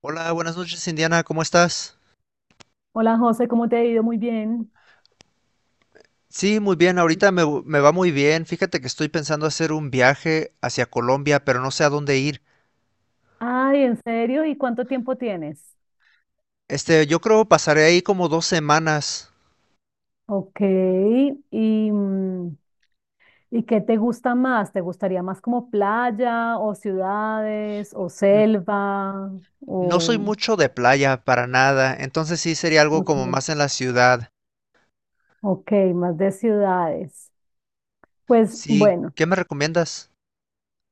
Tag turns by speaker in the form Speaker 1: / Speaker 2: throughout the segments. Speaker 1: Hola, buenas noches, Indiana, ¿cómo estás?
Speaker 2: Hola José, ¿cómo te ha ido? Muy bien.
Speaker 1: Sí, muy bien, ahorita me va muy bien. Fíjate que estoy pensando hacer un viaje hacia Colombia, pero no sé a dónde ir.
Speaker 2: Ay, ¿en serio? ¿Y cuánto tiempo tienes?
Speaker 1: Yo creo pasaré ahí como 2 semanas.
Speaker 2: Ok. ¿Y, mm, ¿y qué te gusta más? ¿Te gustaría más como playa o ciudades o
Speaker 1: N-
Speaker 2: selva?
Speaker 1: No soy
Speaker 2: O,
Speaker 1: mucho de playa para nada, entonces sí sería algo
Speaker 2: ok,
Speaker 1: como más en la ciudad.
Speaker 2: ok, más de ciudades. Pues
Speaker 1: Sí,
Speaker 2: bueno.
Speaker 1: ¿qué me recomiendas?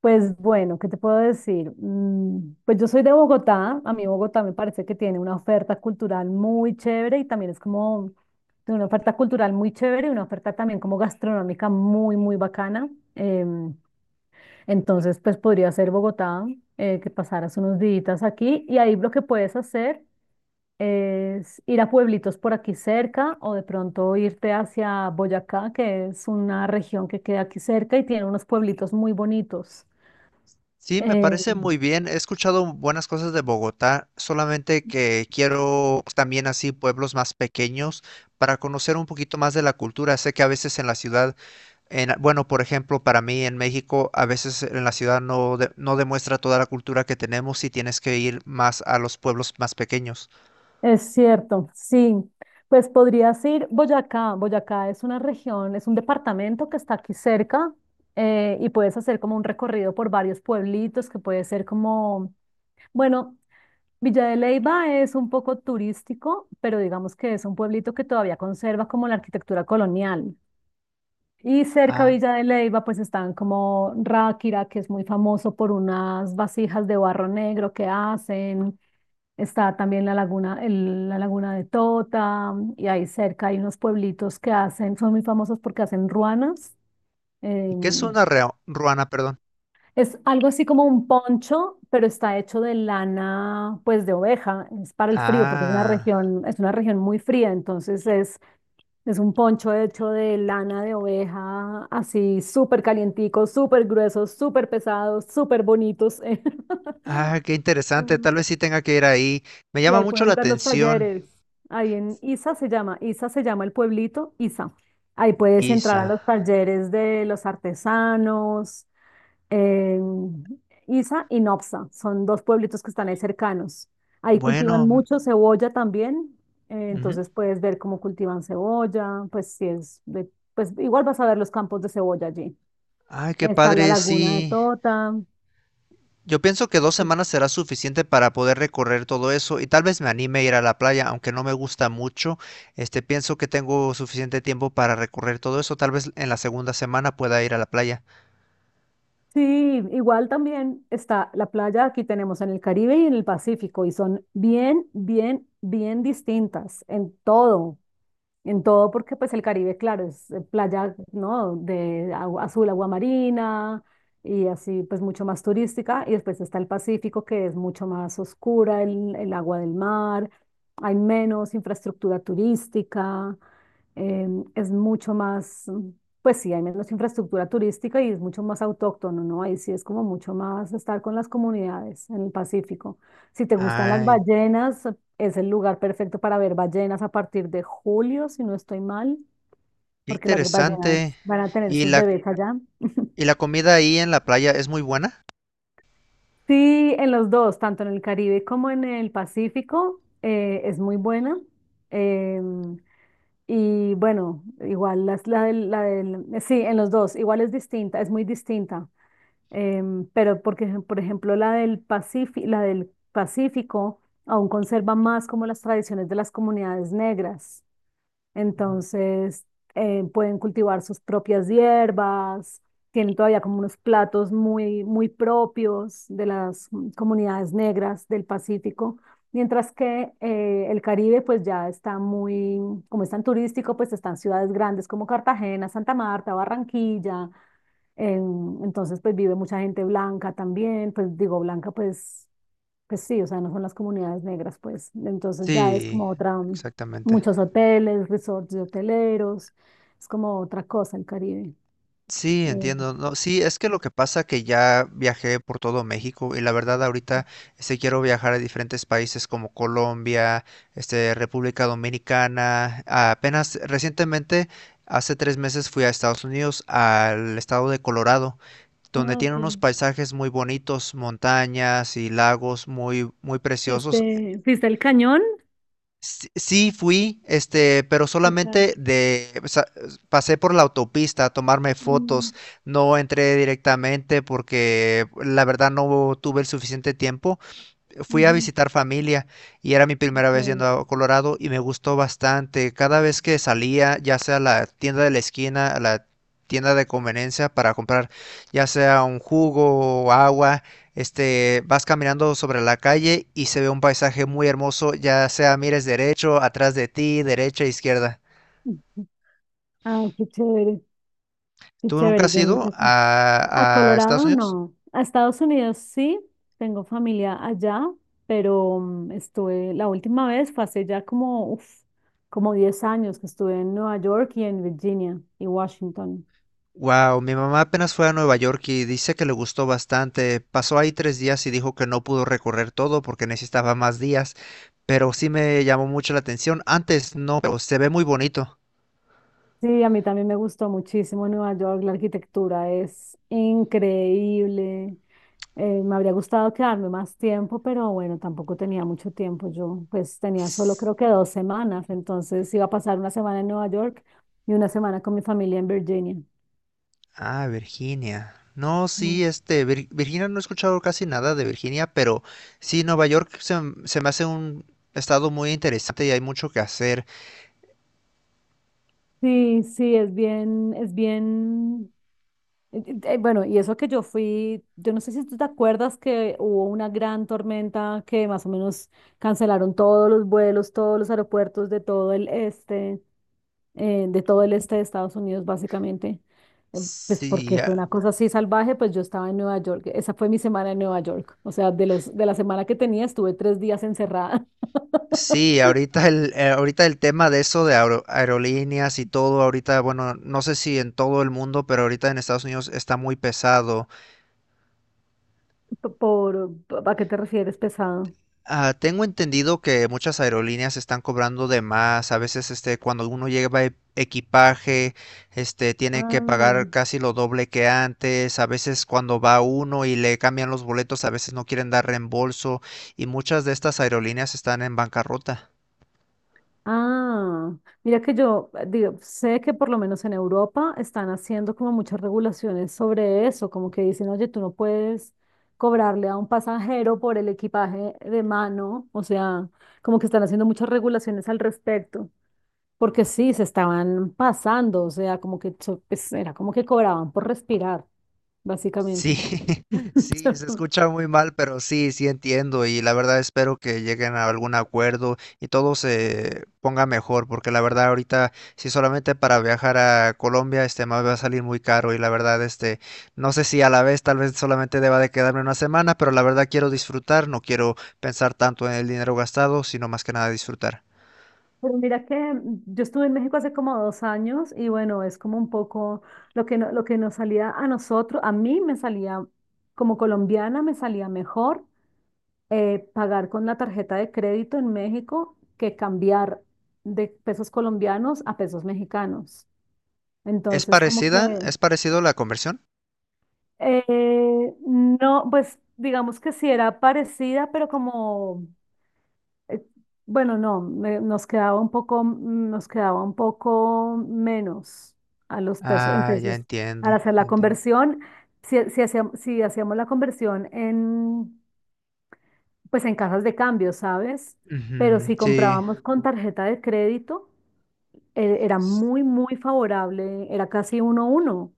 Speaker 2: Pues bueno, ¿qué te puedo decir? Pues yo soy de Bogotá, a mí Bogotá me parece que tiene una oferta cultural muy chévere y también es como tiene una oferta cultural muy chévere y una oferta también como gastronómica muy, muy bacana. Em, entonces, pues podría ser Bogotá, que pasaras unos días aquí y ahí lo que puedes hacer es ir a pueblitos por aquí cerca o de pronto irte hacia Boyacá, que es una región que queda aquí cerca y tiene unos pueblitos muy bonitos.
Speaker 1: Sí, me
Speaker 2: Eh,
Speaker 1: parece muy bien. He escuchado buenas cosas de Bogotá, solamente que quiero también así pueblos más pequeños para conocer un poquito más de la cultura. Sé que a veces en la ciudad en, bueno, por ejemplo, para mí en México, a veces en la ciudad no, no demuestra toda la cultura que tenemos y tienes que ir más a los pueblos más pequeños.
Speaker 2: Es cierto, sí. Pues podrías ir Boyacá. Boyacá es una región, es un departamento que está aquí cerca, y puedes hacer como un recorrido por varios pueblitos que puede ser como, bueno, Villa de Leyva es un poco turístico, pero digamos que es un pueblito que todavía conserva como la arquitectura colonial. Y cerca a
Speaker 1: Ah,
Speaker 2: Villa de Leyva pues están como Ráquira, que es muy famoso por unas vasijas de barro negro que hacen. Está también la laguna, la laguna de Tota, y ahí cerca hay unos pueblitos que hacen, son muy famosos porque hacen ruanas.
Speaker 1: ¿y qué es
Speaker 2: em,
Speaker 1: una ruana, perdón?
Speaker 2: es algo así como un poncho, pero está hecho de lana, pues de oveja, es para el frío, porque
Speaker 1: Ah,
Speaker 2: es una región muy fría, entonces es un poncho hecho de lana de oveja, así súper calientico, súper grueso, súper pesado, súper bonitos.
Speaker 1: ah, qué interesante. Tal
Speaker 2: Mm.
Speaker 1: vez sí tenga que ir ahí. Me
Speaker 2: Y
Speaker 1: llama
Speaker 2: ahí
Speaker 1: mucho la
Speaker 2: puedes ver los
Speaker 1: atención,
Speaker 2: talleres. Ahí en Isa se llama el pueblito, Isa. Ahí puedes entrar
Speaker 1: Isa.
Speaker 2: a los talleres de los artesanos, eh, Isa y Nopsa, son dos pueblitos que están ahí cercanos. Ahí
Speaker 1: Bueno,
Speaker 2: cultivan
Speaker 1: mm,
Speaker 2: mucho cebolla también,
Speaker 1: ujú.
Speaker 2: entonces puedes ver cómo cultivan cebolla, pues si es pues igual vas a ver los campos de cebolla allí.
Speaker 1: Ay, qué
Speaker 2: Está la
Speaker 1: padre,
Speaker 2: laguna de
Speaker 1: sí.
Speaker 2: Tota.
Speaker 1: Yo pienso que 2 semanas será suficiente para poder recorrer todo eso y tal vez me anime a ir a la playa, aunque no me gusta mucho. Pienso que tengo suficiente tiempo para recorrer todo eso. Tal vez en la segunda semana pueda ir a la playa.
Speaker 2: Sí, igual también está la playa, aquí tenemos en el Caribe y en el Pacífico, y son bien, bien, bien distintas en todo, porque pues el Caribe, claro, es playa, ¿no? De agua azul, agua marina y así pues mucho más turística. Y después está el Pacífico, que es mucho más oscura, el agua del mar, hay menos infraestructura turística, es mucho más, pues sí, hay menos infraestructura turística y es mucho más autóctono, ¿no? Ahí sí es como mucho más estar con las comunidades en el Pacífico. Si te gustan las
Speaker 1: Ah,
Speaker 2: ballenas, es el lugar perfecto para ver ballenas a partir de julio, si no estoy mal,
Speaker 1: qué
Speaker 2: porque las
Speaker 1: interesante.
Speaker 2: ballenas van a tener
Speaker 1: ¿Y
Speaker 2: sus
Speaker 1: la,
Speaker 2: bebés allá.
Speaker 1: y la comida ahí en la playa es muy buena?
Speaker 2: Sí, en los dos, tanto en el Caribe como en el Pacífico, es muy buena. Em, y bueno, igual sí, en los dos, igual es distinta, es muy distinta. Pero porque, por ejemplo, la del Pacífico aún conserva más como las tradiciones de las comunidades negras.
Speaker 1: Ujú.
Speaker 2: Entonces, pueden cultivar sus propias hierbas, tienen todavía como unos platos muy, muy propios de las comunidades negras del Pacífico, mientras que el Caribe pues ya está muy, como es tan turístico, pues están ciudades grandes como Cartagena, Santa Marta, Barranquilla, entonces pues vive mucha gente blanca también, pues digo blanca pues sí, o sea, no son las comunidades negras, pues. Entonces ya es
Speaker 1: Sí,
Speaker 2: como otra,
Speaker 1: exactamente.
Speaker 2: muchos hoteles, resorts de hoteleros, es como otra cosa el Caribe.
Speaker 1: Sí,
Speaker 2: Eh,
Speaker 1: entiendo. No, sí, es que lo que pasa que ya viajé por todo México y la verdad ahorita quiero viajar a diferentes países como Colombia, República Dominicana. Ah, apenas recientemente, hace 3 meses fui a Estados Unidos, al estado de Colorado, donde
Speaker 2: Ah,
Speaker 1: tiene
Speaker 2: ok.
Speaker 1: unos paisajes muy bonitos, montañas y lagos muy muy preciosos.
Speaker 2: ¿Fuiste al cañón?
Speaker 1: Sí, sí fui, pero
Speaker 2: ¿Qué tal?
Speaker 1: solamente de, o sea, pasé por la autopista a tomarme
Speaker 2: Mm,
Speaker 1: fotos, no entré directamente porque la verdad no tuve el suficiente tiempo fui a
Speaker 2: ujú,
Speaker 1: visitar familia y era mi primera vez yendo
Speaker 2: ok.
Speaker 1: a Colorado y me gustó bastante. Cada vez que salía, ya sea a la tienda de la esquina, a la tienda de conveniencia para comprar ya sea un jugo o agua, vas caminando sobre la calle y se ve un paisaje muy hermoso, ya sea mires derecho, atrás de ti, derecha, izquierda.
Speaker 2: Ay, qué
Speaker 1: ¿Tú nunca
Speaker 2: chévere,
Speaker 1: has
Speaker 2: yo nunca
Speaker 1: ido
Speaker 2: he estado. A
Speaker 1: a Estados
Speaker 2: Colorado
Speaker 1: Unidos?
Speaker 2: no. A Estados Unidos sí, tengo familia allá, pero estuve, la última vez fue hace ya como, uf, como 10 años que estuve en Nueva York y en Virginia y Washington.
Speaker 1: Wow, mi mamá apenas fue a Nueva York y dice que le gustó bastante. Pasó ahí 3 días y dijo que no pudo recorrer todo porque necesitaba más días, pero sí me llamó mucho la atención. Antes no, pero se ve muy bonito.
Speaker 2: Sí, a mí también me gustó muchísimo Nueva York, la arquitectura es increíble. Me habría gustado quedarme más tiempo, pero bueno, tampoco tenía mucho tiempo. Yo pues tenía solo creo que 2 semanas, entonces iba a pasar una semana en Nueva York y una semana con mi familia en Virginia.
Speaker 1: Ah, Virginia. No, sí,
Speaker 2: No.
Speaker 1: este, Virginia no he escuchado casi nada de Virginia, pero sí, Nueva York se me hace un estado muy interesante y hay mucho que hacer.
Speaker 2: Sí, sí, es bien, es bien. Bueno, y eso que yo fui, yo no sé si tú te acuerdas que hubo una gran tormenta que más o menos cancelaron todos los vuelos, todos los aeropuertos de todo el este, de todo el este de Estados Unidos, básicamente. Pues
Speaker 1: Sí,
Speaker 2: porque fue
Speaker 1: ah.
Speaker 2: una cosa así salvaje, pues yo estaba en Nueva York. Esa fue mi semana en Nueva York. O sea, de la semana que tenía, estuve 3 días encerrada.
Speaker 1: Sí, ahorita el tema de eso de aerolíneas y todo, ahorita, bueno, no sé si en todo el mundo, pero ahorita en Estados Unidos está muy pesado.
Speaker 2: Por, ¿a qué te refieres, pesado?
Speaker 1: Ah, tengo entendido que muchas aerolíneas están cobrando de más. A veces, cuando uno lleva equipaje, tiene que pagar
Speaker 2: Ah.
Speaker 1: casi lo doble que antes. A veces cuando va uno y le cambian los boletos, a veces no quieren dar reembolso y muchas de estas aerolíneas están en bancarrota.
Speaker 2: Ah, mira que yo digo, sé que por lo menos en Europa están haciendo como muchas regulaciones sobre eso, como que dicen, oye, tú no puedes cobrarle a un pasajero por el equipaje de mano, o sea, como que están haciendo muchas regulaciones al respecto, porque sí, se estaban pasando, o sea, como que pues, era como que cobraban por respirar,
Speaker 1: Sí,
Speaker 2: básicamente.
Speaker 1: sí, se escucha muy mal, pero sí, sí entiendo y la verdad espero que lleguen a algún acuerdo y todo se ponga mejor, porque la verdad ahorita si solamente para viajar a Colombia me va a salir muy caro y la verdad no sé si a la vez tal vez solamente deba de quedarme una semana, pero la verdad quiero disfrutar, no quiero pensar tanto en el dinero gastado, sino más que nada disfrutar.
Speaker 2: Pero mira que yo estuve en México hace como 2 años y bueno, es como un poco lo que, lo que nos salía a nosotros, a mí me salía como colombiana, me salía mejor pagar con la tarjeta de crédito en México que cambiar de pesos colombianos a pesos mexicanos.
Speaker 1: ¿Es
Speaker 2: Entonces, como que
Speaker 1: parecida? ¿Es parecido la conversión?
Speaker 2: no, pues digamos que sí era parecida, pero como. eh, Bueno, no, nos quedaba un poco, nos quedaba un poco menos a los pesos, en
Speaker 1: Ah, ya
Speaker 2: pesos. Al
Speaker 1: entiendo,
Speaker 2: hacer
Speaker 1: ya
Speaker 2: la
Speaker 1: entiendo.
Speaker 2: conversión, si hacíamos la conversión en, pues en casas de cambio, ¿sabes? Pero
Speaker 1: Ujú,
Speaker 2: si
Speaker 1: sí,
Speaker 2: comprábamos con tarjeta de crédito, era muy, muy favorable, era casi uno a uno.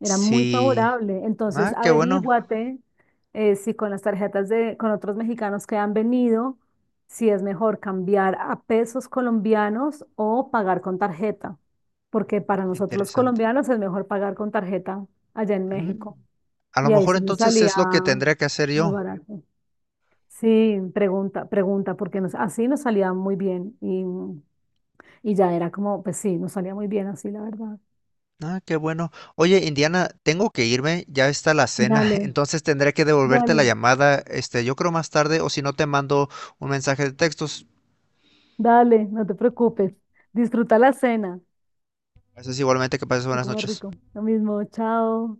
Speaker 2: Era muy
Speaker 1: sí.
Speaker 2: favorable. Entonces,
Speaker 1: Ah, qué bueno,
Speaker 2: averíguate si con las tarjetas con otros mexicanos que han venido, si es mejor cambiar a pesos colombianos o pagar con tarjeta, porque para
Speaker 1: qué
Speaker 2: nosotros los
Speaker 1: interesante.
Speaker 2: colombianos es mejor pagar con tarjeta allá en México.
Speaker 1: Mm, A lo
Speaker 2: Y ahí
Speaker 1: mejor
Speaker 2: sí nos
Speaker 1: entonces
Speaker 2: salía
Speaker 1: es lo que tendría que hacer
Speaker 2: muy
Speaker 1: yo.
Speaker 2: barato. Sí, pregunta, pregunta, porque así nos salía muy bien y ya era como, pues sí, nos salía muy bien así, la verdad.
Speaker 1: Ah, qué bueno. Oye, Indiana, tengo que irme, ya está la cena,
Speaker 2: Dale,
Speaker 1: entonces tendré que devolverte la
Speaker 2: dale.
Speaker 1: llamada, yo creo más tarde, o si no te mando un mensaje de textos.
Speaker 2: Dale, no te preocupes. Disfruta la cena
Speaker 1: Haces igualmente que pases
Speaker 2: y
Speaker 1: buenas
Speaker 2: come
Speaker 1: noches.
Speaker 2: rico. Lo mismo, chao.